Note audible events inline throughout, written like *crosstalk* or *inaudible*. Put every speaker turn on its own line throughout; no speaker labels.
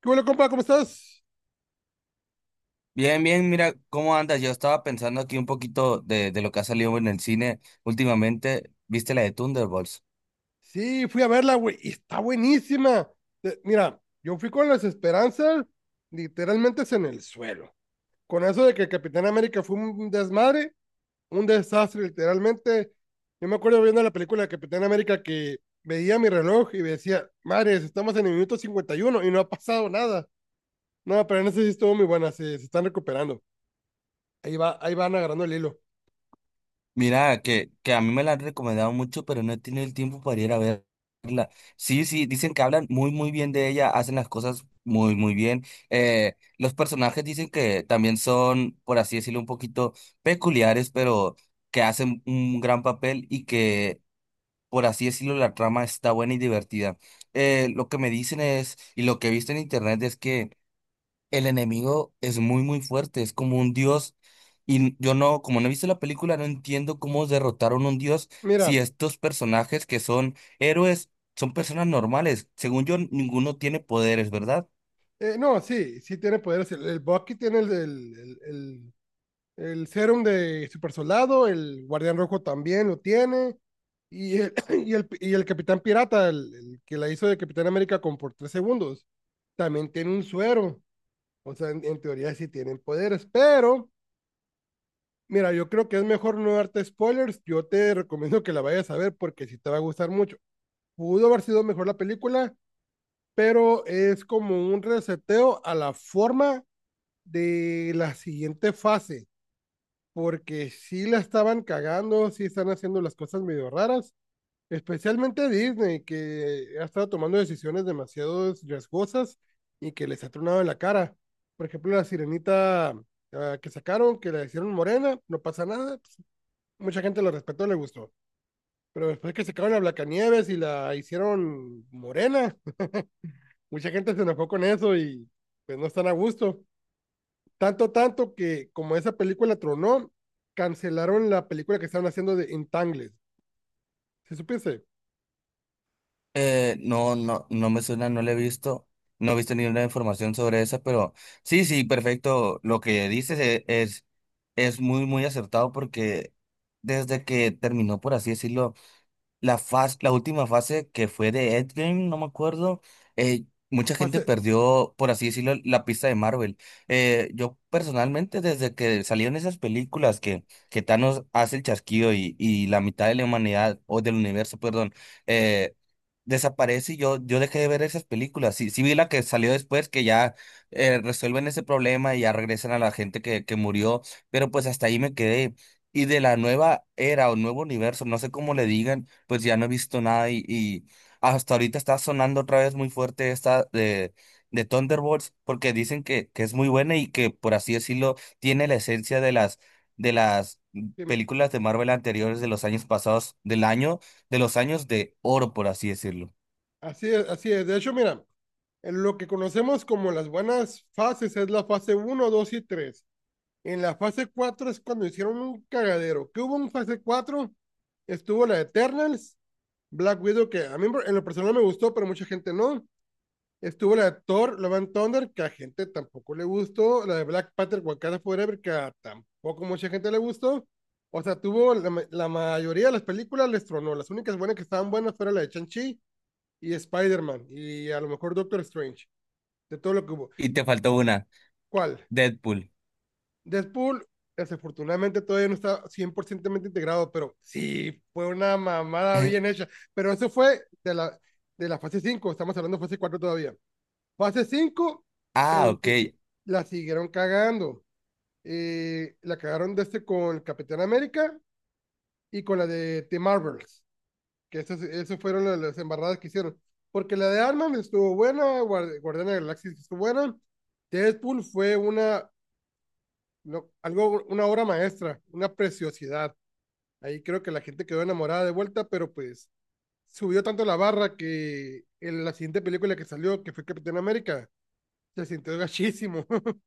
¿Qué bueno, compa? ¿Cómo estás?
Bien, bien, mira, ¿cómo andas? Yo estaba pensando aquí un poquito de lo que ha salido en el cine últimamente. ¿Viste la de Thunderbolts?
Sí, fui a verla, güey, y está buenísima. Mira, yo fui con las esperanzas literalmente en el suelo. Con eso de que Capitán América fue un desmadre, un desastre, literalmente. Yo me acuerdo viendo la película de Capitán América que veía mi reloj y me decía, madres, estamos en el minuto 51 y no ha pasado nada. No, pero en ese sí estuvo muy buena, se están recuperando. Ahí va, ahí van agarrando el hilo.
Mira, que a mí me la han recomendado mucho, pero no he tenido el tiempo para ir a ver. Sí, sí, dicen que hablan muy, muy bien de ella, hacen las cosas muy, muy bien. Los personajes dicen que también son, por así decirlo, un poquito peculiares, pero que hacen un gran papel y que, por así decirlo, la trama está buena y divertida. Lo que me dicen es, y lo que he visto en internet es que el enemigo es muy, muy fuerte, es como un dios. Y yo no, como no he visto la película, no entiendo cómo derrotaron un dios
Mira,
si estos personajes que son héroes son personas normales. Según yo, ninguno tiene poderes, ¿verdad?
no, sí, sí tiene poderes. El Bucky tiene el serum de Super Soldado, el Guardián Rojo también lo tiene. Y el, *clears throat* y el Capitán Pirata, el que la hizo de Capitán América con por 3 segundos, también tiene un suero. O sea, en teoría sí tienen poderes, pero mira, yo creo que es mejor no darte spoilers. Yo te recomiendo que la vayas a ver porque sí te va a gustar mucho. Pudo haber sido mejor la película, pero es como un reseteo a la forma de la siguiente fase porque sí la estaban cagando, sí están haciendo las cosas medio raras, especialmente Disney, que ha estado tomando decisiones demasiado riesgosas y que les ha tronado en la cara. Por ejemplo, la sirenita, que sacaron, que la hicieron morena, no pasa nada, pues, mucha gente lo respetó, le gustó. Pero después que sacaron a Blancanieves y la hicieron morena, *laughs* mucha gente se enojó con eso y pues no están a gusto. Tanto, tanto que como esa película tronó, cancelaron la película que estaban haciendo de Entangled. ¿Se supiese?
No, no, no me suena, no le he visto, no he visto ninguna información sobre esa, pero sí, sí, perfecto. Lo que dices, es muy, muy acertado porque desde que terminó, por así decirlo. La última fase que fue de Endgame, no me acuerdo, eh, mucha
Fue
gente
hace-
perdió, por así decirlo, la pista de Marvel. Yo personalmente, desde que salieron esas películas que Thanos hace el chasquido y la mitad de la humanidad, o del universo, perdón, eh, desaparece y yo dejé de ver esas películas. Sí, sí vi la que salió después, que ya resuelven ese problema y ya regresan a la gente que murió, pero pues hasta ahí me quedé. Y de la nueva era o nuevo universo, no sé cómo le digan, pues ya no he visto nada y hasta ahorita está sonando otra vez muy fuerte esta de Thunderbolts porque dicen que es muy buena y que, por así decirlo, tiene la esencia de las películas de Marvel anteriores de los años pasados, de los años de oro, por así decirlo.
Así es, así es. De hecho, mira, en lo que conocemos como las buenas fases es la fase uno 2 y tres. En la fase 4 es cuando hicieron un cagadero. ¿Qué hubo en fase cuatro? Estuvo la Eternals, Black Widow, que a mí en lo personal me gustó, pero mucha gente no. Estuvo la de Thor, Love and Thunder, que a gente tampoco le gustó. La de Black Panther, Wakanda Forever, que a tampoco mucha gente le gustó. O sea, tuvo la mayoría de las películas les tronó. Las únicas buenas que estaban buenas fueron la de Shang-Chi y Spider-Man y a lo mejor Doctor Strange, de todo lo que hubo.
Y te faltó una,
¿Cuál?
Deadpool.
Deadpool, desafortunadamente todavía no está 100% integrado, pero sí, fue una mamada bien
*laughs*
hecha. Pero eso fue de la, fase cinco. Estamos hablando de fase 4 todavía. Fase 5
Ah, ok.
la siguieron cagando. La cagaron de este con Capitán América y con la de The Marvels, que esas fueron las embarradas que hicieron. Porque la de Ant-Man estuvo buena, Guardiana Guardián de la Galaxia estuvo buena, Deadpool fue una, no, algo, una obra maestra, una preciosidad. Ahí creo que la gente quedó enamorada de vuelta, pero pues subió tanto la barra que en la siguiente película que salió, que fue Capitán América, se sintió gachísimo. *laughs*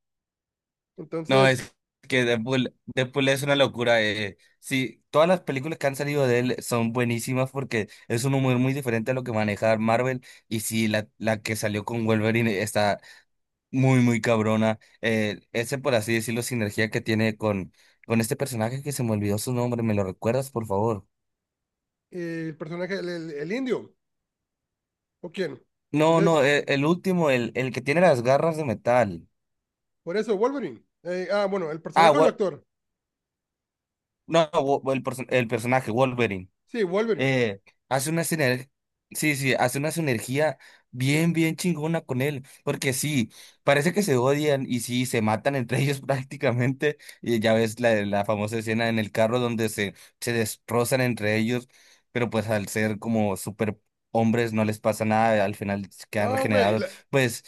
No,
Entonces
es que Deadpool es una locura. Sí, todas las películas que han salido de él son buenísimas porque es un humor muy diferente a lo que maneja Marvel. Y sí, la que salió con Wolverine está muy, muy cabrona. Ese, por así decirlo, sinergia que tiene con este personaje que se me olvidó su nombre. ¿Me lo recuerdas, por favor?
eh, el personaje, el indio, ¿o quién? Es
No,
de-
no, el último, el que tiene las garras de metal.
por eso, Wolverine. Bueno, el
Ah,
personaje o el
Wol-
actor.
no, Wol- el, perso- El personaje, Wolverine.
Sí, Wolverine.
eh, Hace una sinergia, sí, sí, hace una sinergia bien, bien chingona con él, porque sí, parece que se odian y sí, se matan entre ellos *laughs* prácticamente, y ya ves la famosa escena en el carro donde se destrozan entre ellos, pero pues al ser como super hombres no les pasa nada, al final quedan
No, güey,
regenerados, pues.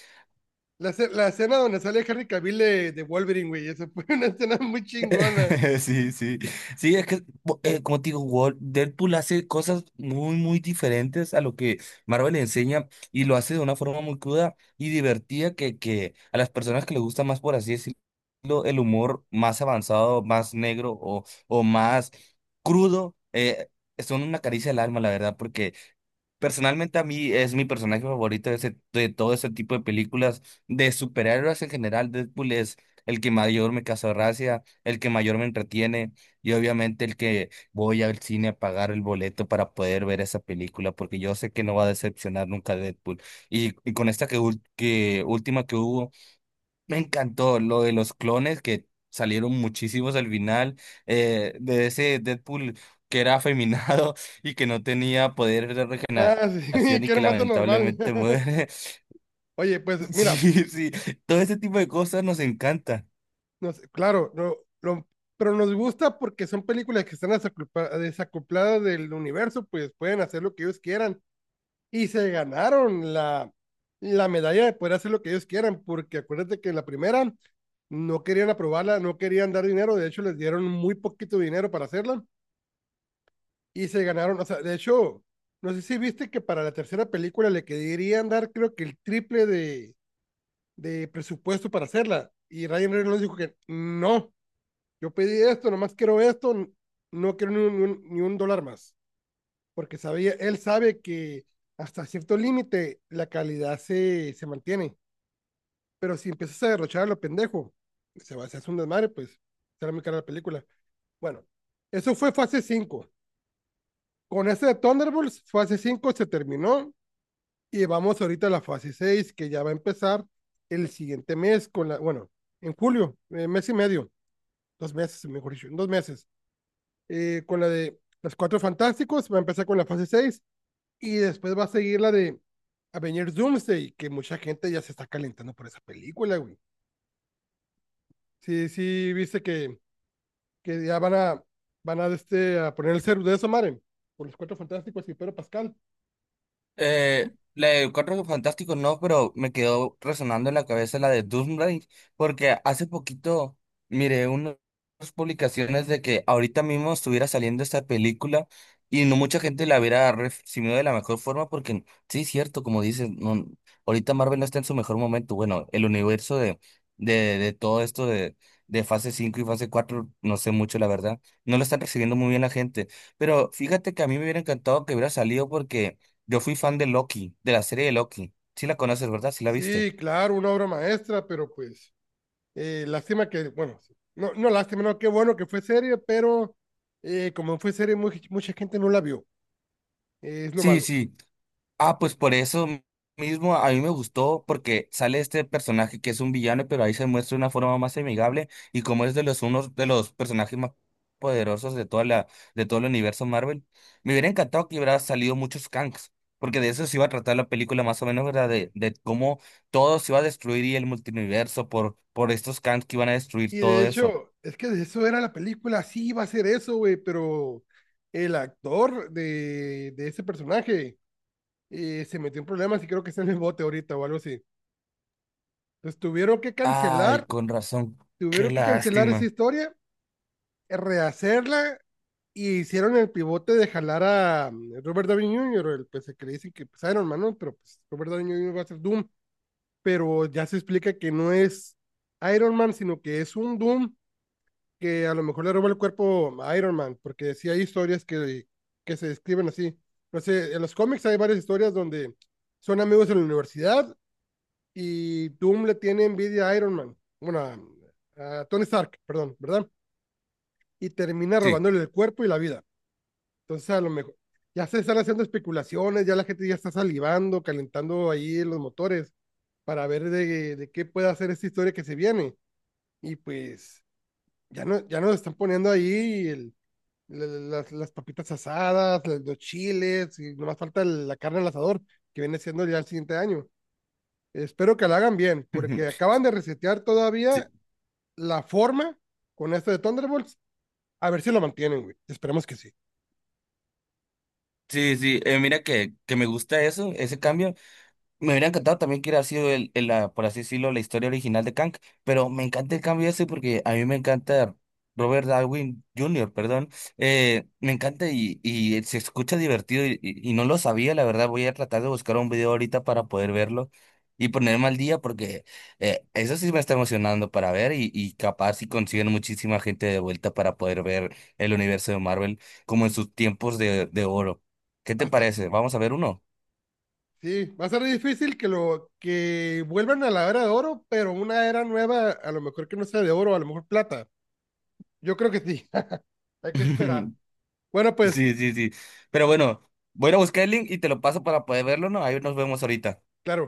la escena donde sale Henry Cavill de Wolverine, güey, esa fue una *laughs* escena muy chingona.
*laughs* Sí, sí. Sí, es que, como te digo, Deadpool hace cosas muy, muy diferentes a lo que Marvel le enseña, y lo hace de una forma muy cruda y divertida que a las personas que les gusta más, por así decirlo, el humor más avanzado, más negro, o más crudo, son una caricia al alma, la verdad, porque personalmente a mí es mi personaje favorito de todo ese tipo de películas, de superhéroes en general. Deadpool es el que mayor me causa gracia, el que mayor me entretiene y obviamente el que voy al cine a pagar el boleto para poder ver esa película, porque yo sé que no va a decepcionar nunca Deadpool. Y con esta que última que hubo, me encantó lo de los clones que salieron muchísimos al final, de ese Deadpool que era afeminado *laughs* y que no tenía poder de
Ah, sí, *laughs*
regeneración y
que era
que
un vato normal.
lamentablemente
*laughs*
muere. *laughs*
Oye, pues mira,
Sí, sí, todo ese tipo de cosas nos encanta.
no, claro, no, lo- pero nos gusta porque son películas que están desacopladas del universo, pues pueden hacer lo que ellos quieran. Y se ganaron la medalla de poder hacer lo que ellos quieran, porque acuérdate que en la primera no querían aprobarla, no querían dar dinero, de hecho les dieron muy poquito dinero para hacerla y se ganaron, o sea, de hecho, no sé si viste que para la tercera película le querían dar creo que el triple de presupuesto para hacerla, y Ryan Reynolds dijo que no, yo pedí esto, nomás quiero esto, no quiero ni un dólar más porque sabía, él sabe que hasta cierto límite la calidad se mantiene, pero si empiezas a derrochar a lo pendejo, se va a hacer un desmadre, pues será muy cara la película. Bueno, eso fue fase cinco. Con este de Thunderbolts, fase 5 se terminó y vamos ahorita a la fase 6 que ya va a empezar el siguiente mes, con la, bueno, en julio, mes y medio, 2 meses, mejor dicho, 2 meses, con la de los Cuatro Fantásticos, va a empezar con la fase seis. Y después va a seguir la de Avengers Doomsday, que mucha gente ya se está calentando por esa película, güey. Sí, sí, viste que, ya van a poner el cero de esa madre, por los cuatro fantásticos y Pedro Pascal.
La de Cuatro Fantásticos no, pero me quedó resonando en la cabeza la de Doomsday, porque hace poquito miré unas publicaciones de que ahorita mismo estuviera saliendo esta película y no mucha gente la hubiera recibido de la mejor forma, porque sí, es cierto, como dices, no, ahorita Marvel no está en su mejor momento. Bueno, el universo de todo esto de fase 5 y fase 4 no sé mucho, la verdad, no lo están recibiendo muy bien la gente, pero fíjate que a mí me hubiera encantado que hubiera salido porque yo fui fan de Loki, de la serie de Loki. Sí la conoces, ¿verdad? Sí la viste.
Sí, claro, una obra maestra, pero pues, lástima que, bueno, sí, no, no lástima, no, qué bueno que fue serie, pero como fue serie, mucha gente no la vio. Es lo
Sí,
malo.
sí. Ah, pues por eso mismo a mí me gustó porque sale este personaje que es un villano, pero ahí se muestra de una forma más amigable y como es de los unos de los personajes más poderosos de toda la de todo el universo Marvel. Me hubiera encantado que hubiera salido muchos Kangs, porque de eso se iba a tratar la película más o menos, ¿verdad? De cómo todo se iba a destruir y el multiverso por estos Kangs que iban a destruir
Y de
todo eso.
hecho, es que de eso era la película, sí iba a ser eso, güey, pero el actor de, ese personaje se metió en problemas y creo que está en el bote ahorita o algo así. Entonces
Ay, con razón. Qué
tuvieron que cancelar esa
lástima.
historia, rehacerla, y hicieron el pivote de jalar a Robert Downey Jr., el pues, el que le dicen que pues, Iron Man, ¿no? Pero pues Robert Downey Jr. va a ser Doom, pero ya se explica que no es Iron Man, sino que es un Doom que a lo mejor le roba el cuerpo a Iron Man, porque sí hay historias que se describen así. No sé, en los cómics hay varias historias donde son amigos en la universidad y Doom le tiene envidia a Iron Man, bueno, a Tony Stark, perdón, ¿verdad? Y termina
Sí.
robándole el cuerpo y la vida. Entonces, a lo mejor ya se están haciendo especulaciones, ya la gente ya está salivando, calentando ahí los motores para ver de qué puede hacer esta historia que se viene. Y pues ya, no, ya nos están poniendo ahí el, la- la- las papitas asadas, los chiles, y nomás falta la carne al asador, que viene siendo ya el siguiente año. Espero que la hagan bien, porque
*laughs*
acaban de resetear
Sí,
todavía la forma con esto de Thunderbolts. A ver si lo mantienen, güey. Esperemos que sí.
sí, sí. Mira que me gusta eso, ese cambio. Me hubiera encantado también que hubiera sido por así decirlo, la historia original de Kang, pero me encanta el cambio ese porque a mí me encanta Robert Darwin Junior, perdón. Me encanta y se escucha divertido y no lo sabía, la verdad, voy a tratar de buscar un video ahorita para poder verlo y ponerme al día porque, eso sí me está emocionando para ver y capaz si consiguen muchísima gente de vuelta para poder ver el universo de Marvel como en sus tiempos de oro. ¿Qué
Va
te
a estar-
parece? ¿Vamos a ver uno?
sí, va a ser difícil que lo que vuelvan a la era de oro, pero una era nueva, a lo mejor que no sea de oro, a lo mejor plata. Yo creo que sí. *laughs* Hay que esperar.
*laughs*
Bueno, pues,
Sí, sí, sí. Pero bueno, voy a ir a buscar el link y te lo paso para poder verlo, ¿no? Ahí nos vemos ahorita.
claro.